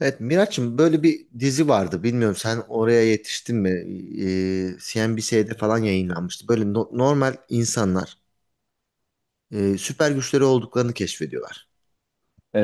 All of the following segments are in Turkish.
Evet Miraç'ım böyle bir dizi vardı. Bilmiyorum sen oraya yetiştin mi? CNBC'de falan yayınlanmıştı. Böyle normal insanlar süper güçleri olduklarını keşfediyorlar.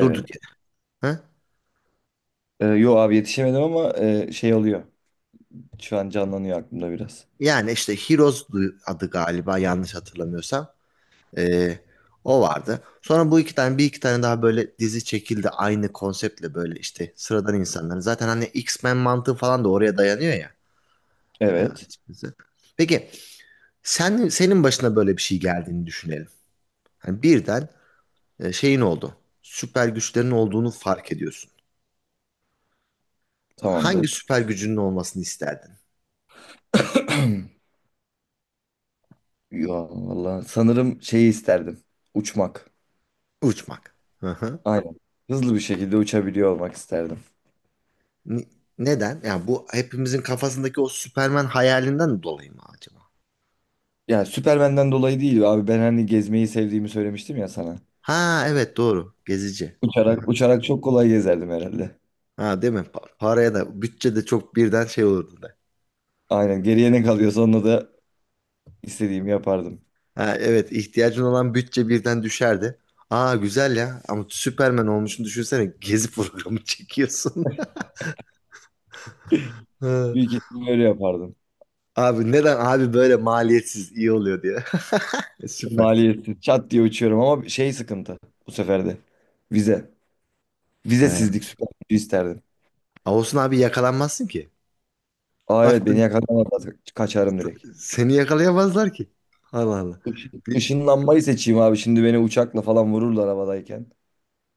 Durduk yere. Ha? Yo abi yetişemedim ama şey oluyor. Şu an canlanıyor aklımda biraz. Yani işte Heroes adı galiba yanlış hatırlamıyorsam. Ee, o vardı. Sonra bu iki tane bir iki tane daha böyle dizi çekildi. Aynı konseptle böyle işte sıradan insanların. Zaten hani X-Men mantığı falan da oraya dayanıyor ya. Evet. Açıkçası. Peki senin başına böyle bir şey geldiğini düşünelim. Hani birden şeyin oldu. Süper güçlerin olduğunu fark ediyorsun. Hangi Tamamdır. süper gücünün olmasını isterdin? Yo valla sanırım şeyi isterdim. Uçmak. Uçmak. Hı hı. Aynen. Hızlı bir şekilde uçabiliyor olmak isterdim. Ni- Neden? Yani bu hepimizin kafasındaki o Süperman hayalinden dolayı mı acaba? Yani Süpermen'den dolayı değil abi. Ben hani gezmeyi sevdiğimi söylemiştim ya sana. Ha evet doğru. Gezici. Hı Uçarak hı. uçarak çok kolay gezerdim herhalde. Ha değil mi? Paraya da bütçe de çok birden şey olurdu da. Aynen. Geriye ne kalıyorsa onunla da istediğimi yapardım. Ha evet ihtiyacın olan bütçe birden düşerdi. Aa güzel ya ama Süperman olmuşsun düşünsene gezi programı çekiyorsun. Hı. Büyük ihtimalle öyle yapardım. Abi neden abi böyle maliyetsiz iyi oluyor diye. Süper. Maliyetsiz. Çat diye uçuyorum ama şey sıkıntı bu sefer de. Vize. He. Vizesizlik süper gücü isterdim. Ağustos abi yakalanmazsın ki. Aa evet beni Baktın yakalamazlar. Kaçarım direkt. seni yakalayamazlar ki. Allah Allah. Işın, Bir- ışınlanmayı seçeyim abi. Şimdi beni uçakla falan vururlar havadayken.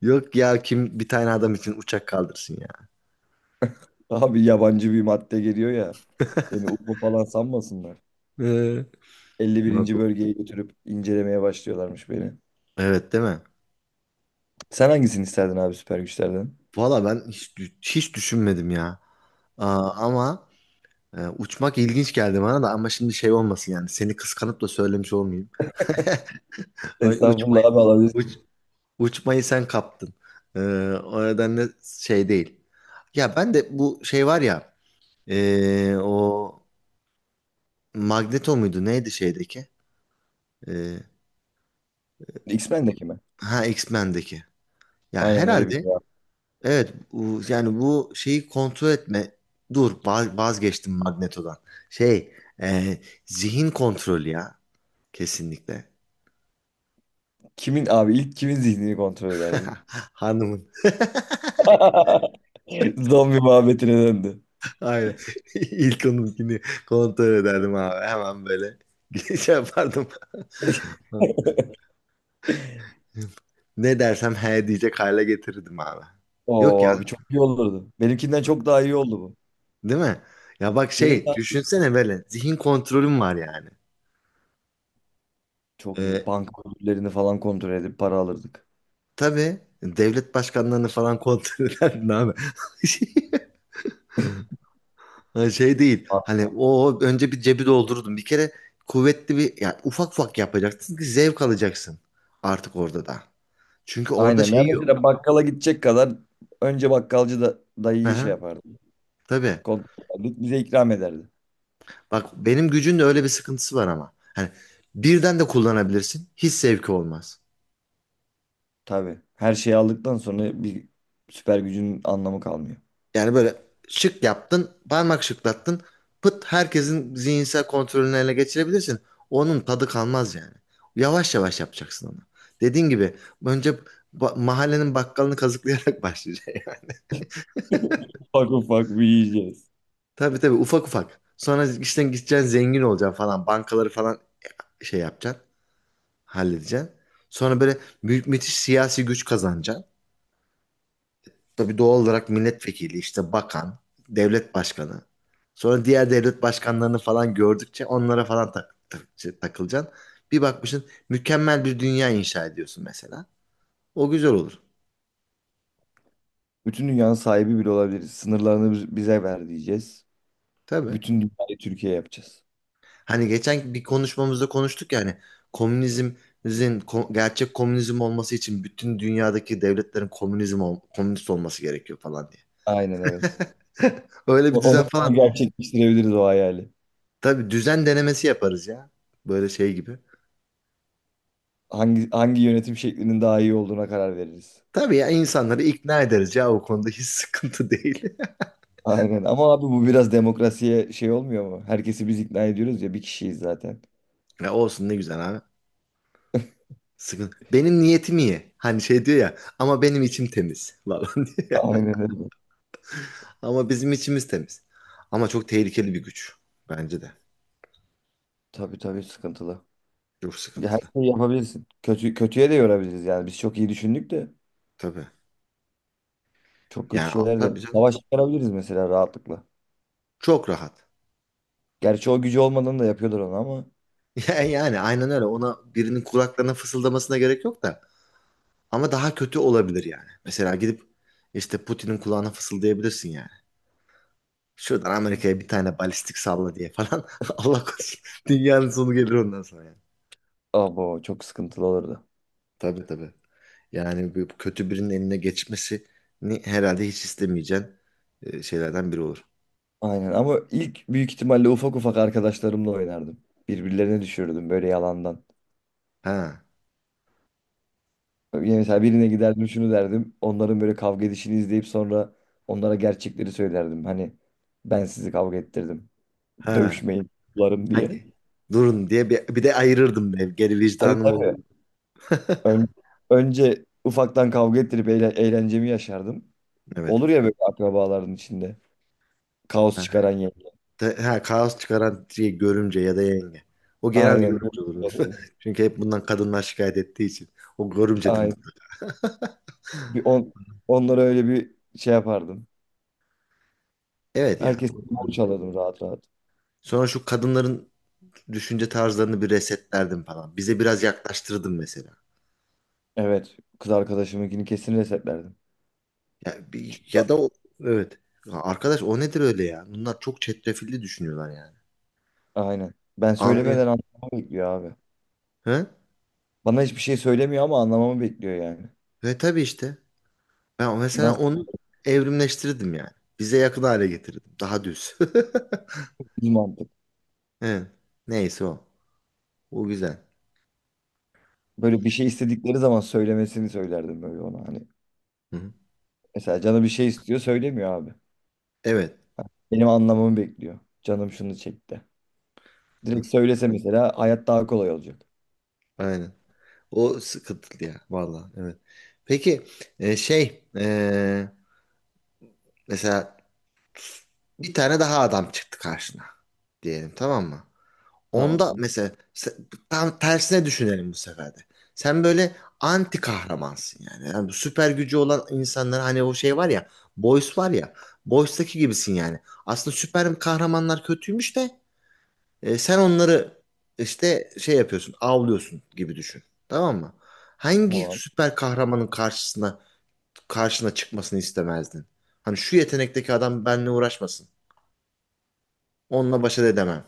Yok ya kim bir tane adam için uçak kaldırsın ya. Abi yabancı bir madde geliyor ya. Beni UFO falan sanmasınlar. Ee, Elli Murat- birinci bölgeye götürüp incelemeye başlıyorlarmış beni. Evet değil mi? Sen hangisini isterdin abi süper güçlerden? Valla ben hiç, hiç düşünmedim ya. Aa, ama uçmak ilginç geldi bana da ama şimdi şey olmasın yani seni kıskanıp da söylemiş olmayayım. Ay, Estağfurullah abi uç- alabilirsin. uçmayı sen kaptın. Ee, o nedenle şey değil. Ya ben de bu şey var ya. O Magneto muydu? Neydi şeydeki? Ee, X-Men'deki mi? ha X-Men'deki. Ya Aynen öyle bir herhalde şey abi. evet yani bu şeyi kontrol etme. Dur vazgeçtim Magneto'dan. Şey, e, zihin kontrolü ya, kesinlikle. Kimin abi ilk kimin zihnini kontrol ederdin? Hanımın. Zombi muhabbetine döndü. Aynen. İlk onunkini kontrol ederdim abi. Hemen böyle şey yapardım. Ne dersem he diyecek hale getirirdim abi. Yok Oo ya. abi çok iyi olurdu. Benimkinden çok daha iyi oldu bu. Değil mi? Ya bak Benim şey de düşünsene böyle zihin kontrolüm var yani. çok iyi. Ee, Banka ödüllerini falan kontrol edip para alırdık. tabii devlet başkanlarını falan kontrol ederdin abi. Ha, şey değil A- hani o önce bir cebi doldururdun. Bir kere kuvvetli bir ya ufak ufak yapacaksın ki zevk alacaksın artık orada da. Çünkü orada Aynen. Ya şey yok. mesela bakkala gidecek kadar önce bakkalcı da Hı dayıyı şey hı, yapardı. tabii. Kontrol ederdik, bize ikram ederdi. Bak benim gücün de öyle bir sıkıntısı var ama. Hani birden de kullanabilirsin. Hiç zevki olmaz. Tabii. Her şeyi aldıktan sonra bir süper gücün anlamı kalmıyor. Yani böyle şık yaptın, parmak şıklattın. Pıt herkesin zihinsel kontrolünü ele geçirebilirsin. Onun tadı kalmaz yani. Yavaş yavaş yapacaksın onu. Dediğin gibi önce mahallenin bakkalını kazıklayarak başlayacaksın. Ufak ufak büyüyeceğiz. Tabii tabii ufak ufak. Sonra işten gideceksin zengin olacaksın falan. Bankaları falan şey yapacaksın. Halledeceksin. Sonra böyle müthiş siyasi güç kazanacaksın. Tabii doğal olarak milletvekili, işte bakan, devlet başkanı. Sonra diğer devlet başkanlarını falan gördükçe onlara falan şey, takılacaksın. Bir bakmışsın mükemmel bir dünya inşa ediyorsun mesela. O güzel olur. Bütün dünyanın sahibi bile olabiliriz. Sınırlarını bize ver diyeceğiz. Tabii. Bütün dünyayı Türkiye yapacağız. Hani geçen bir konuşmamızda konuştuk yani komünizmin gerçek komünizm olması için bütün dünyadaki devletlerin komünist olması gerekiyor falan diye. Aynen evet. Öyle bir Onu, düzen falan. onu gerçekleştirebiliriz o hayali. Tabii düzen denemesi yaparız ya. Böyle şey gibi. Hangi yönetim şeklinin daha iyi olduğuna karar veririz. Tabii ya insanları ikna ederiz ya o konuda hiç sıkıntı değil. Aynen ama abi bu biraz demokrasiye şey olmuyor mu? Herkesi biz ikna ediyoruz ya bir kişiyiz zaten. Ya olsun ne güzel abi. Sıkıntı. Benim niyetim iyi. Hani şey diyor ya ama benim içim temiz falan diyor ya. Aynen öyle. Ama bizim içimiz temiz. Ama çok tehlikeli bir güç. Bence de. Tabii tabii sıkıntılı. Çok Ya her sıkıntılı. şeyi yapabilirsin. Kötüye de yorabiliriz yani. Biz çok iyi düşündük de Tabii. çok kötü Yani şeyler de tabii canım. savaş çıkarabiliriz mesela rahatlıkla. Çok rahat. Gerçi o gücü olmadan da yapıyorlar onu ama yani aynen öyle. Ona birinin kulaklarına fısıldamasına gerek yok da. Ama daha kötü olabilir yani. Mesela gidip işte Putin'in kulağına fısıldayabilirsin yani. Şuradan Amerika'ya bir tane balistik salla diye falan. Allah korusun. Dünyanın sonu gelir ondan sonra. Yani. abo çok sıkıntılı olurdu. Tabii tabii. Yani bu kötü birinin eline geçmesini herhalde hiç istemeyeceğin şeylerden biri olur. Aynen ama ilk büyük ihtimalle ufak ufak arkadaşlarımla oynardım. Birbirlerine düşürürdüm böyle yalandan. Ha. Yani mesela birine giderdim şunu derdim. Onların böyle kavga edişini izleyip sonra onlara gerçekleri söylerdim. Hani ben sizi kavga ettirdim. Ha. Dövüşmeyin. Bularım diye. Hadi. Durun diye bir de ayırırdım ben. Geri Abi vicdanım olur. tabii. Ön- önce ufaktan kavga ettirip eğlencemi yaşardım. Evet. Olur ya böyle akrabaların içinde. Kaos Ha, çıkaran yenge. Kaos çıkaran şey görümce ya da yenge. O genelde Aynen. görümce olur. Çünkü hep bundan kadınlar şikayet ettiği için. O görümcedir Aynen. mutlaka. Bir on, onlara öyle bir şey yapardım. Evet ya. Herkes borç alırdım rahat rahat. Sonra şu kadınların düşünce tarzlarını bir resetlerdim falan. Bize biraz yaklaştırdım mesela. Evet. Kız arkadaşımınkini kesin resetlerdim. Çünkü Ya da o, evet. Ya arkadaş o nedir öyle ya? Bunlar çok çetrefilli düşünüyorlar yani. aynen. Ben Anlıyor. söylemeden anlamamı bekliyor abi. He? Bana hiçbir şey söylemiyor ama anlamamı bekliyor yani. Ve tabii işte. Ben mesela Nasıl onu evrimleştirdim yani. Bize yakın hale getirdim. Daha düz. bir mantık? Evet. Neyse o. O güzel. Böyle bir şey istedikleri zaman söylemesini söylerdim böyle ona hani. Hı-hı. Mesela canı bir şey istiyor söylemiyor abi. Evet. Benim anlamamı bekliyor. Canım şunu çekti. Hı. Direkt söylese mesela hayat daha kolay olacak. Aynen. O sıkıntılı ya. Vallahi evet. Peki şey mesela bir tane daha adam çıktı karşına diyelim tamam mı? Onda Tamam, mesela tam tersine düşünelim bu sefer de. Sen böyle anti kahramansın yani. Yani bu süper gücü olan insanlar hani o şey var ya Boys var ya, Boys'taki gibisin yani. Aslında süper kahramanlar kötüymüş de sen onları işte şey yapıyorsun avlıyorsun gibi düşün. Tamam mı? Hangi tamam. süper kahramanın karşına çıkmasını istemezdin? Hani şu yetenekteki adam benimle uğraşmasın. Onunla başa edemem.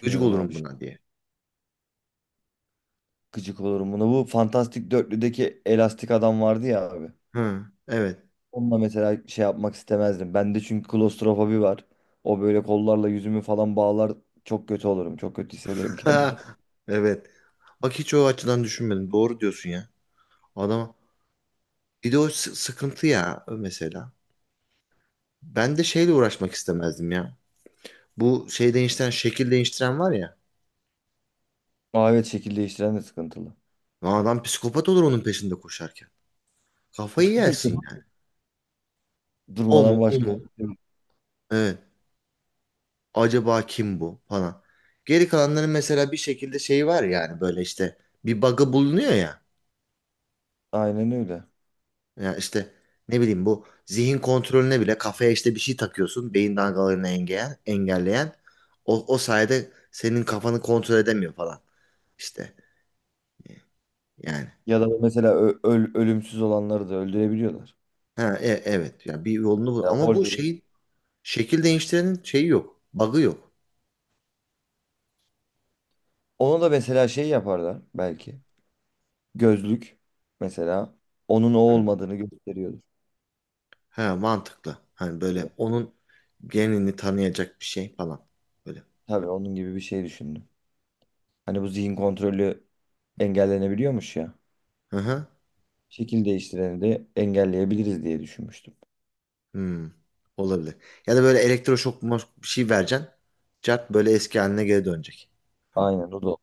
Gıcık abi. olurum Şu- an buna diye. Gıcık olurum buna. Bu Fantastik Dörtlü'deki elastik adam vardı ya abi. Hı, evet. Onunla mesela şey yapmak istemezdim. Bende çünkü klostrofobi var. O böyle kollarla yüzümü falan bağlar. Çok kötü olurum. Çok kötü hissederim kendimi. Evet. Bak hiç o açıdan düşünmedim. Doğru diyorsun ya. Adam bir de o sıkıntı ya mesela. Ben de şeyle uğraşmak istemezdim ya. Bu şekil değiştiren var ya. Aa, evet şekil değiştiren de sıkıntılı. Adam psikopat olur onun peşinde koşarken. Kafayı yersin yani. Durmadan O başka. mu? Evet. Acaba kim bu falan. Geri kalanların mesela bir şekilde şeyi var yani böyle işte bir bug'ı bulunuyor ya. Aynen öyle. Ya işte ne bileyim bu zihin kontrolüne bile kafaya işte bir şey takıyorsun. Beyin dalgalarını engelleyen. O sayede senin kafanı kontrol edemiyor falan. İşte e, yani. Ya da mesela ö- öl ölümsüz olanları da öldürebiliyorlar. Ha, evet ya bir yolunu bul. Ya Ama bu Wolverine şeyin şekil değiştirenin şeyi yok. Bug'ı yok. ona da mesela şey yaparlar belki. Gözlük mesela onun o Hı. olmadığını gösteriyordur Ha, mantıklı. Hani gibi. böyle onun genini tanıyacak bir şey falan. Böyle. Tabii onun gibi bir şey düşündüm. Hani bu zihin kontrolü engellenebiliyormuş ya. Hı hı. Şekil değiştireni de engelleyebiliriz diye düşünmüştüm. Hmm. Olabilir. Ya da böyle elektroşok bir şey vereceksin. Cart böyle eski haline geri dönecek. Tamam. Aynen o da.